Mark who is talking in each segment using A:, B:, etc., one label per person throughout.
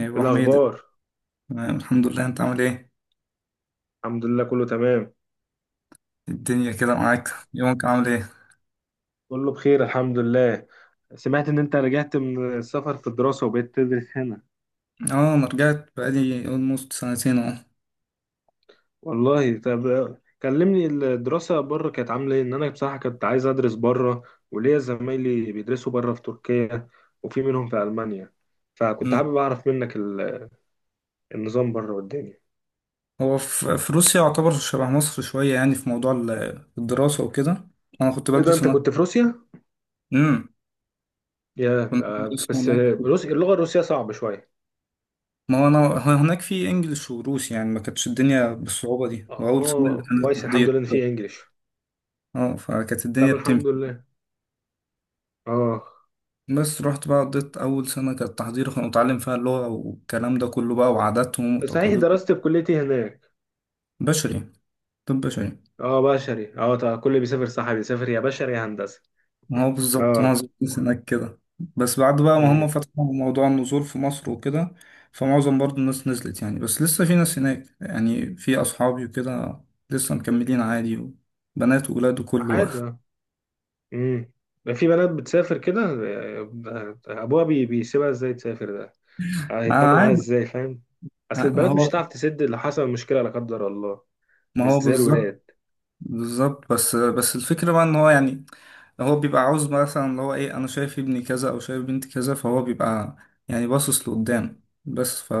A: يا
B: ايه
A: ابو حميد،
B: الاخبار؟
A: تمام، الحمد لله. انت عامل ايه؟
B: الحمد لله، كله تمام.
A: الدنيا كده معاك؟ يومك عامل ايه؟
B: كله بخير، الحمد لله. سمعت ان انت رجعت من السفر في الدراسة وبقيت تدرس هنا.
A: اه انا رجعت بقالي almost سنتين اهو.
B: والله، طب. كلمني، الدراسة بره كانت عاملة ايه؟ ان انا بصراحة كنت عايز ادرس بره، وليا زمايلي بيدرسوا بره في تركيا، وفي منهم في المانيا، فكنت
A: مم.
B: حابب اعرف منك النظام بره والدنيا.
A: هو في روسيا يعتبر شبه مصر شويه، يعني في موضوع الدراسه وكده. انا كنت
B: ايه ده،
A: بدرس
B: انت
A: هناك.
B: كنت في روسيا؟
A: امم. كنت بدرس
B: بس،
A: هناك.
B: روسيا، اللغة الروسية صعبة شوية.
A: ما هو انا، هو هناك في انجلش وروسي، يعني ما كانتش الدنيا بالصعوبه دي، واول سنه اللي
B: اه،
A: كانت
B: كويس، الحمد
A: تحضير.
B: لله ان في انجليش.
A: اه، فكانت الدنيا
B: طب،
A: بتمشي.
B: الحمد لله. اه.
A: بس رحت بقى، قضيت أول سنة كانت تحضير، كنا بنتعلم فيها اللغة والكلام ده كله بقى، وعاداتهم
B: صحيح،
A: وتقاليدهم.
B: دراستي في كليتي هناك؟
A: بشري. طب بشري.
B: اه، بشري. اه، طبعا كل اللي بيسافر صح بيسافر يا بشري يا هندسه.
A: ما هو بالظبط،
B: اه.
A: معظم الناس هناك كده. بس بعد بقى ما
B: امم.
A: هم فتحوا موضوع النزول في مصر وكده، فمعظم برضو الناس نزلت يعني. بس لسه في ناس هناك يعني، في أصحابي وكده، لسه مكملين عادي. بنات وولاد وكله بقى
B: عادي. اه. امم. ده في بنات بتسافر كده، ابوها بيسيبها ازاي تسافر ده؟
A: آه
B: هيطمن عليها
A: عادي.
B: ازاي، فاهم؟ اصل
A: آه، ما
B: البنات مش
A: هو
B: هتعرف تسد، اللي حصل مشكله لا قدر الله.
A: ما
B: مش
A: هو
B: زي
A: بالظبط.
B: الولاد.
A: بالظبط، بس الفكرة بقى إن هو يعني، هو بيبقى عاوز مثلا اللي هو إيه، أنا شايف ابني كذا أو شايف بنتي كذا، فهو بيبقى يعني باصص لقدام، بس ف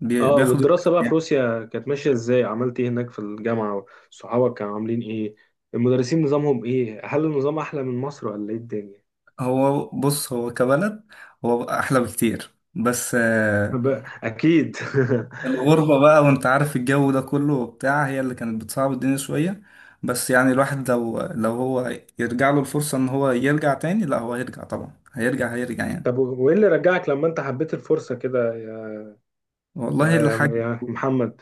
B: اه،
A: بياخد.
B: والدراسه بقى في روسيا كانت ماشيه ازاي؟ عملت ايه هناك في الجامعه؟ صحابك كانوا عاملين ايه؟ المدرسين نظامهم ايه؟ هل النظام احلى من مصر ولا ايه الدنيا؟
A: هو بص، هو كبلد هو احلى بكتير، بس آه،
B: اكيد.
A: الغربة بقى وانت عارف الجو ده كله وبتاع، هي اللي كانت بتصعب الدنيا شوية. بس يعني الواحد لو هو يرجع له الفرصة ان هو يرجع تاني، لا هو هيرجع طبعا، هيرجع هيرجع يعني.
B: طب، وايه اللي رجعك لما انت حبيت الفرصة كده، يا يا
A: والله
B: يا
A: الحاج.
B: يا محمد؟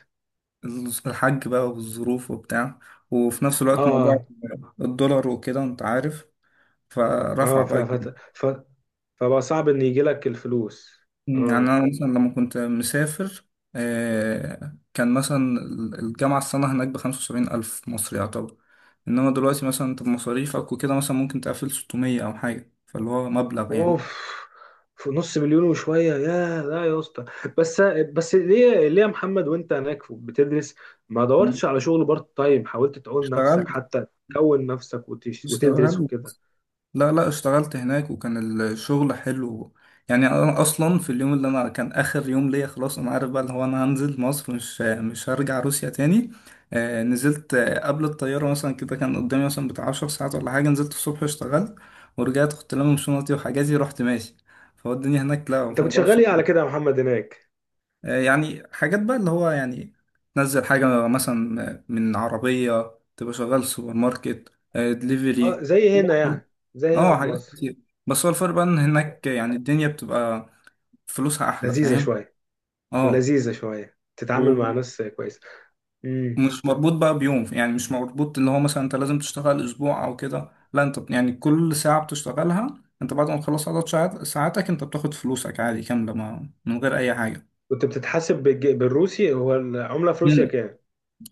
A: الحاج بقى، والظروف وبتاع، وفي نفس الوقت موضوع
B: اه،
A: الدولار وكده انت عارف،
B: اه،
A: فرفع
B: ف
A: بقى.
B: ف ف فبقى صعب ان يجي لك الفلوس.
A: يعني
B: اه،
A: أنا مثلا لما كنت مسافر، آه، كان مثلا الجامعة السنة هناك بـ75 ألف مصري يعتبر. إنما دلوقتي مثلا أنت بمصاريفك وكده، مثلا ممكن تقفل 600 أو حاجة، فاللي هو مبلغ يعني.
B: اوف! في نص مليون وشوية، يا لا يا اسطى! بس بس ليه يا محمد وانت هناك بتدرس، ما
A: مم.
B: دورتش على شغل بارت تايم؟ حاولت تعول
A: اشتغلت.
B: نفسك حتى تكون نفسك وتدرس
A: اشتغلت.
B: وكده؟
A: لا لا، اشتغلت هناك وكان الشغل حلو. يعني انا اصلا في اليوم اللي انا كان اخر يوم ليا خلاص، انا عارف بقى اللي هو انا هنزل مصر، مش هرجع روسيا تاني. آه نزلت، آه، قبل الطيارة مثلا كده كان قدامي مثلا بتاع 10 ساعات ولا حاجة، نزلت الصبح اشتغلت ورجعت، كنت لامم شنطتي وحاجاتي، رحت ماشي. فهو الدنيا هناك لا،
B: انت
A: في
B: كنت
A: موضوع
B: شغال
A: الشغل
B: ايه على كده يا محمد هناك؟
A: آه، يعني حاجات بقى اللي هو يعني تنزل حاجة مثلا من عربية، تبقى شغال سوبر ماركت، آه
B: اه،
A: دليفري.
B: زي هنا يعني، زي هنا
A: اه
B: في
A: حاجات
B: مصر.
A: كتير. بس هو الفرق بقى ان هناك يعني الدنيا بتبقى فلوسها احلى،
B: لذيذة
A: فاهم.
B: شوية.
A: اه،
B: ولذيذة شوية، تتعامل مع
A: ومش
B: ناس كويسة. امم.
A: مربوط بقى بيوم، يعني مش مربوط اللي هو مثلا انت لازم تشتغل اسبوع او كده، لا انت يعني كل ساعة بتشتغلها انت بعد ما تخلص عدد ساعاتك، انت بتاخد فلوسك عادي كاملة ما، من غير اي حاجة.
B: كنت بتتحاسب بالروسي؟ هو العملة في روسيا
A: مم.
B: كام؟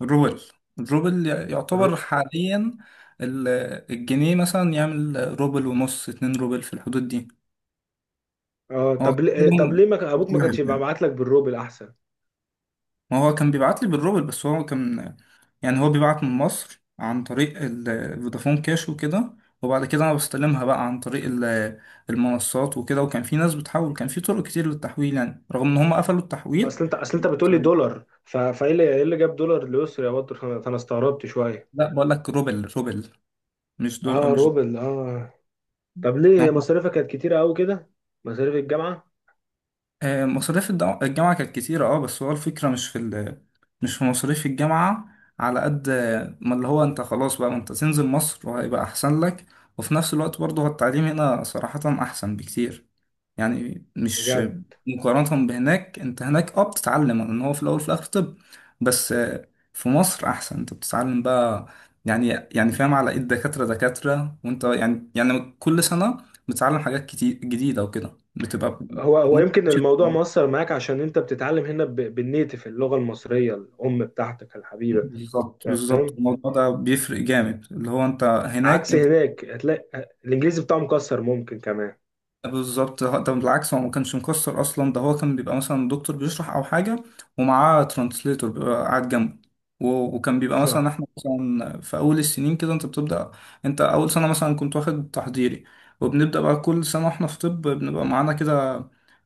A: الروبل. الروبل يعتبر
B: الر-
A: حاليا ال- الجنيه مثلا يعمل روبل ونص، 2 روبل، في الحدود دي.
B: اه،
A: هو
B: طب ليه ما كان- ابوك ما كانش يبقى بعت لك بالروبل احسن؟
A: ما هو كان بيبعت لي بالروبل، بس هو كان يعني هو بيبعت من مصر عن طريق فودافون كاش وكده، وبعد كده انا بستلمها بقى عن طريق المنصات وكده. وكان في ناس بتحول، كان في طرق كتير للتحويل يعني، رغم ان هم قفلوا التحويل.
B: اصل انت بتقول لي
A: كان-
B: دولار، ف... فايه اللي ايه اللي جاب دولار لأسر يا بطل، فأنا استغربت شوية.
A: لا بقول لك روبل، روبل، مش دول
B: اه،
A: مش.
B: روبل، اه. طب ليه مصاريفك كانت كتيرة قوي كده؟ مصاريف الجامعة؟
A: آه، مصاريف الجامعة كانت كتيرة اه، بس هو الفكرة مش في ال... مش في مصاريف الجامعة، على قد آه، ما اللي هو انت خلاص بقى ما انت تنزل مصر وهيبقى أحسن لك. وفي نفس الوقت برضه هو التعليم هنا صراحة أحسن بكتير. يعني مش
B: بجد؟
A: مقارنة بهناك، انت هناك اه بتتعلم ان هو في الأول وفي الآخر طب. بس آه، في مصر أحسن، انت بتتعلم بقى يعني، يعني فاهم، على ايد دكاترة دكاترة، وانت يعني يعني كل سنة بتتعلم حاجات كتير جديدة وكده، بتبقى
B: هو
A: وانت
B: يمكن
A: بتمشي.
B: الموضوع مؤثر معاك عشان انت بتتعلم هنا بالنيتف، اللغة المصرية الأم بتاعتك الحبيبة.
A: بالظبط بالظبط، الموضوع ده بيفرق جامد اللي هو انت هناك
B: عكس
A: انت.
B: هناك، هتلاقي الانجليزي بتاعه مكسر ممكن كمان.
A: بالظبط، ده بالعكس هو ما كانش مكسر اصلا، ده هو كان بيبقى مثلا دكتور بيشرح او حاجه ومعاه ترانسليتور بيبقى قاعد جنبه. و- وكان بيبقى مثلا احنا مثلا في اول السنين كده انت بتبدا. انت اول سنه مثلا كنت واخد تحضيري. وبنبدا بقى كل سنه احنا في طب بنبقى معانا كده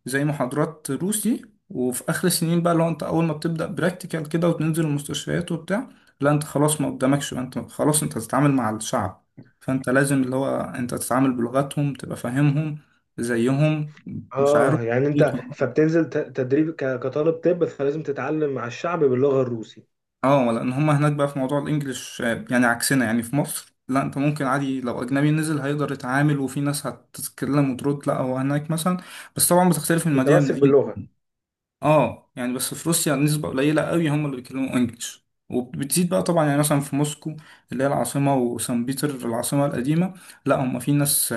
A: زي محاضرات روسي. وفي اخر السنين بقى لو انت اول ما بتبدا براكتيكال كده وتنزل المستشفيات وبتاع، لا انت خلاص ما قدامكش بقى، انت خلاص انت هتتعامل مع الشعب، فانت لازم اللي هو انت تتعامل بلغتهم، تبقى فاهمهم زيهم، مشاعرهم.
B: اه يعني انت فبتنزل تدريب كطالب طب، فلازم تتعلم مع الشعب باللغه الروسي.
A: اه، لان هم هناك بقى في موضوع الانجليش آه، يعني عكسنا. يعني في مصر لا، انت ممكن عادي لو اجنبي نزل هيقدر يتعامل، وفي ناس هتتكلم وترد. لا هو هناك مثلا، بس طبعا بتختلف من مدينه
B: متمسك
A: لمدينه.
B: باللغه.
A: اه يعني، بس في روسيا نسبه قليله قوي هم اللي بيتكلموا انجليش، وبتزيد بقى طبعا يعني، مثلا في موسكو اللي هي العاصمه، وسان بيتر العاصمه القديمه، لا هم في ناس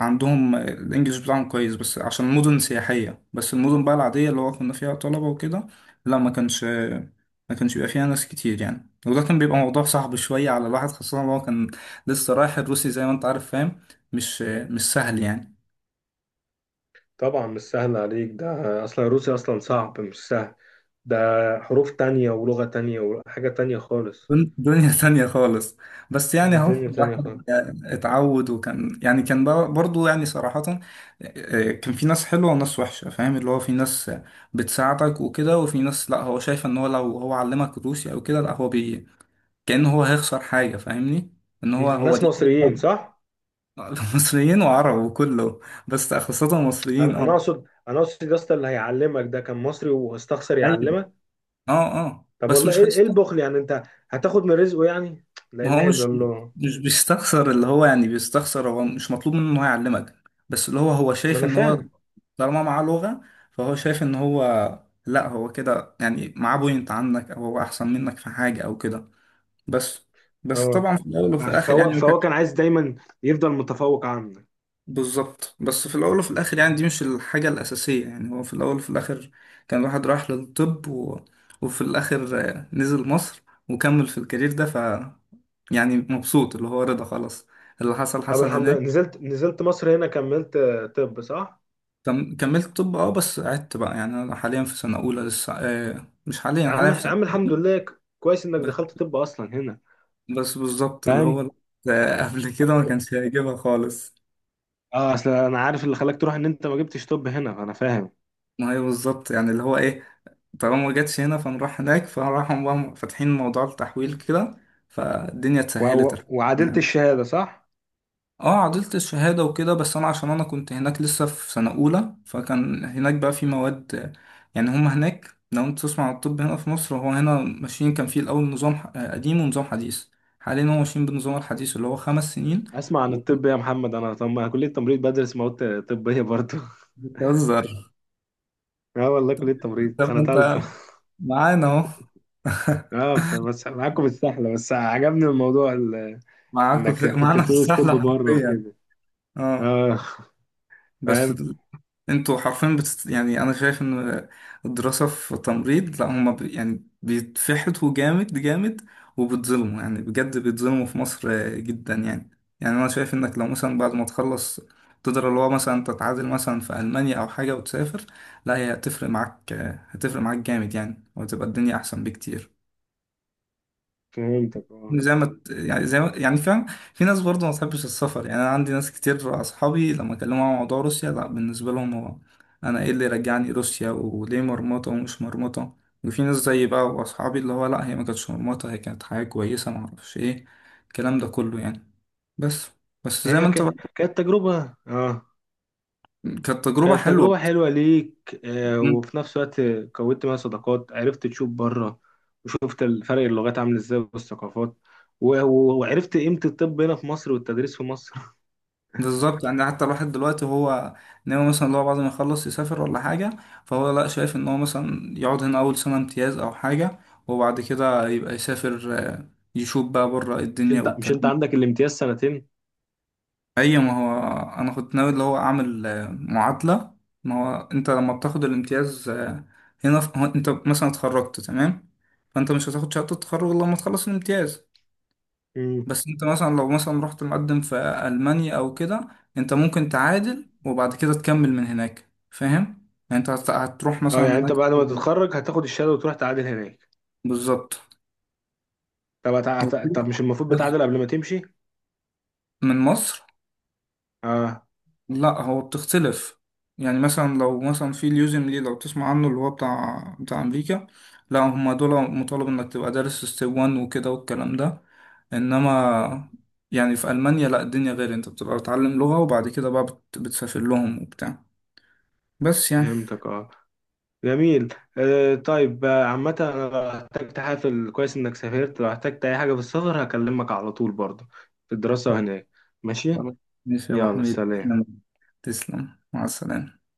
A: عندهم الانجليش بتاعهم كويس، بس عشان مدن سياحية. بس المدن بقى العادية اللي هو كنا فيها طلبة وكده، لا ما كانش، ما كانش بيبقى فيها ناس كتير يعني. وده كان بيبقى موضوع صعب شوية على الواحد، خاصة إن هو كان لسه رايح، الروسي زي ما انت عارف فاهم، مش سهل يعني.
B: طبعا مش سهل عليك، ده اصلا الروسي اصلا صعب مش سهل. ده حروف تانية ولغه تانية وحاجه تانية خالص.
A: دنيا ثانية خالص. بس يعني اهو
B: دنيا تانية
A: الواحد
B: خالص.
A: اتعود. وكان يعني كان برضو يعني صراحة، آه، كان في ناس حلوة وناس وحشة، فاهم اللي هو، في ناس بتساعدك وكده، وفي ناس لا هو شايف ان هو لو هو علمك روسي او كده، لا هو بي كأنه هو هيخسر حاجة، فاهمني، ان هو هو
B: الناس
A: دي حاجة.
B: مصريين صح؟
A: مصريين وعرب وكله، بس خاصة مصريين
B: انا انا
A: اه.
B: اقصد انا اقصد يا اسطى، اللي هيعلمك ده كان مصري واستخسر
A: ايوه.
B: يعلمك.
A: اه. اه
B: طب
A: بس
B: والله
A: مش
B: إيه
A: هيست...
B: البخل يعني؟ انت هتاخد من رزقه يعني؟ لا
A: ما هو
B: اله الا
A: مش،
B: الله.
A: مش بيستخسر اللي هو يعني، بيستخسر هو مش مطلوب منه ان هو يعلمك، بس اللي هو هو
B: ما
A: شايف
B: انا
A: ان هو
B: فاهم.
A: طالما معاه لغة، فهو شايف ان هو لا هو كده يعني معاه بوينت عنك، او هو احسن منك في حاجة او كده. بس، بس
B: اه،
A: طبعا في الاول وفي
B: عش-
A: الاخر
B: فهو
A: يعني.
B: فهو كان عايز دايما يفضل متفوق عنك.
A: بالظبط، بس في الأول وفي الآخر يعني دي مش الحاجة الأساسية يعني، هو في الأول وفي الآخر كان الواحد راح للطب و... وفي الآخر آه، نزل مصر وكمل في الكارير ده، ف يعني مبسوط اللي هو، رضا خلاص، اللي حصل
B: طب
A: حصل
B: الحمد لله،
A: هناك.
B: نزلت مصر هنا كملت، طب صح؟
A: كم... كملت طب اه، بس قعدت بقى يعني، أنا حاليا في سنة أولى لسه، آه مش حاليا،
B: يا عم
A: حاليا في
B: يا
A: سنة.
B: عم الحمد لله، كويس انك
A: بس،
B: دخلت طب اصلا هنا.
A: بس بالظبط اللي هو
B: فاهم؟
A: آه، قبل كده ما كانش هيجيبها خالص.
B: اه، اصل انا عارف اللي خلاك تروح ان انت ما جبتش طب هنا، انا فاهم.
A: ما هي بالظبط يعني اللي هو ايه، طالما ما جاتش هنا فنروح هناك، فراحوا بقى فاتحين موضوع التحويل كده، فالدنيا اتسهلت.
B: وعدلت الشهاده صح؟
A: اه عدلت الشهادة وكده، بس انا عشان انا كنت هناك لسه في سنة اولى، فكان هناك بقى في مواد. يعني هما هناك لو انت تسمع عن الطب هنا في مصر، هو هنا ماشيين كان في الاول نظام آه، قديم ونظام حديث. حاليا هو ماشيين بالنظام الحديث اللي هو 5 سنين.
B: اسمع عن الطب يا محمد، انا طب كليه تمريض، بدرس مواد طبيه برضه.
A: وبتهزر.
B: اه والله، كلية تمريض
A: طب
B: سنة
A: ما
B: تالتة.
A: انت معانا اهو.
B: اه، بس معاكم السحلة، بس عجبني الموضوع،
A: معاكم
B: انك
A: في...
B: كنت
A: معانا في
B: بتدوس ستيب
A: السحلة
B: بره
A: حرفيا.
B: وكده.
A: اه
B: اه.
A: بس
B: فاهم؟
A: انتوا حرفيا بتست... يعني انا شايف ان الدراسة في تمريض لا هما ب... يعني بيتفحتوا جامد جامد، وبيتظلموا يعني بجد بيتظلموا في مصر آه، جدا يعني. يعني انا شايف انك لو مثلا بعد ما تخلص تقدر اللي هو مثلا تتعادل مثلا في المانيا او حاجة وتسافر، لا هي هتفرق معاك آه، هتفرق معاك جامد يعني، وتبقى الدنيا احسن بكتير.
B: فهمتك، اه.
A: زي ما ت- يعني زي ما يعني فاهم، في ناس برضه ما بتحبش السفر. يعني انا عندي ناس كتير اصحابي لما اكلمهم عن موضوع روسيا، لا بالنسبه لهم هو انا ايه اللي رجعني روسيا وليه مرمطه ومش مرمطه. وفي ناس زي بقى واصحابي اللي هو لا هي ما كانتش مرمطه، هي كانت حاجه كويسه، ما اعرفش ايه الكلام ده كله يعني. بس، بس زي ما
B: هي
A: انت بقى.
B: كانت تجربة، اه.
A: كانت تجربه
B: كانت
A: حلوه.
B: تجربة حلوة ليك، وفي نفس الوقت كونت منها صداقات، عرفت تشوف بره، وشفت الفرق اللغات عامل ازاي والثقافات، وعرفت قيمة الطب هنا في مصر والتدريس في مصر.
A: بالظبط يعني، حتى الواحد دلوقتي هو ناوي مثلا لو بعد ما يخلص يسافر ولا حاجة، فهو لا شايف ان هو مثلا يقعد هنا اول سنة امتياز او حاجة، وبعد كده يبقى يسافر آه، يشوف بقى بره
B: مش
A: الدنيا
B: انت مش
A: والكلام
B: انت
A: ده.
B: عندك الامتياز سنتين؟
A: اي ما هو انا كنت ناوي اللي هو اعمل آه، معادلة. ما هو انت لما بتاخد الامتياز آه، هنا في... هو انت مثلا اتخرجت تمام، فانت مش هتاخد شهادة التخرج إلا لما تخلص الامتياز.
B: مم.
A: بس انت مثلا لو مثلا رحت مقدم في ألمانيا او كده، انت ممكن تعادل وبعد كده تكمل من هناك فاهم يعني. انت هتروح مثلا
B: اه يعني
A: هناك.
B: انت بعد ما تتخرج هتاخد الشهادة وتروح تعادل هناك؟
A: بالظبط
B: طب مش المفروض
A: بس
B: بتعادل قبل ما تمشي؟
A: من مصر.
B: اه،
A: لا هو بتختلف يعني، مثلا لو مثلا في اليوزم ليه لو تسمع عنه، اللي هو بتاع امريكا، لا هم دول مطالب انك تبقى دارس ستيب 1 وكده والكلام ده. انما يعني في المانيا لا، الدنيا غير، انت بتبقى بتتعلم لغة وبعد كده بقى بتسافر لهم وبتاع. بس يعني
B: فهمتك، اه. جميل. طيب، عامة أنا لو احتجت حافل، كويس إنك سافرت، لو احتجت أي حاجة في السفر هكلمك على طول برضه في الدراسة
A: طب
B: وهناك. ماشي.
A: خلاص. ماشي يا أبو
B: يلا،
A: حميد،
B: سلام.
A: تسلم. تسلم مع السلامة.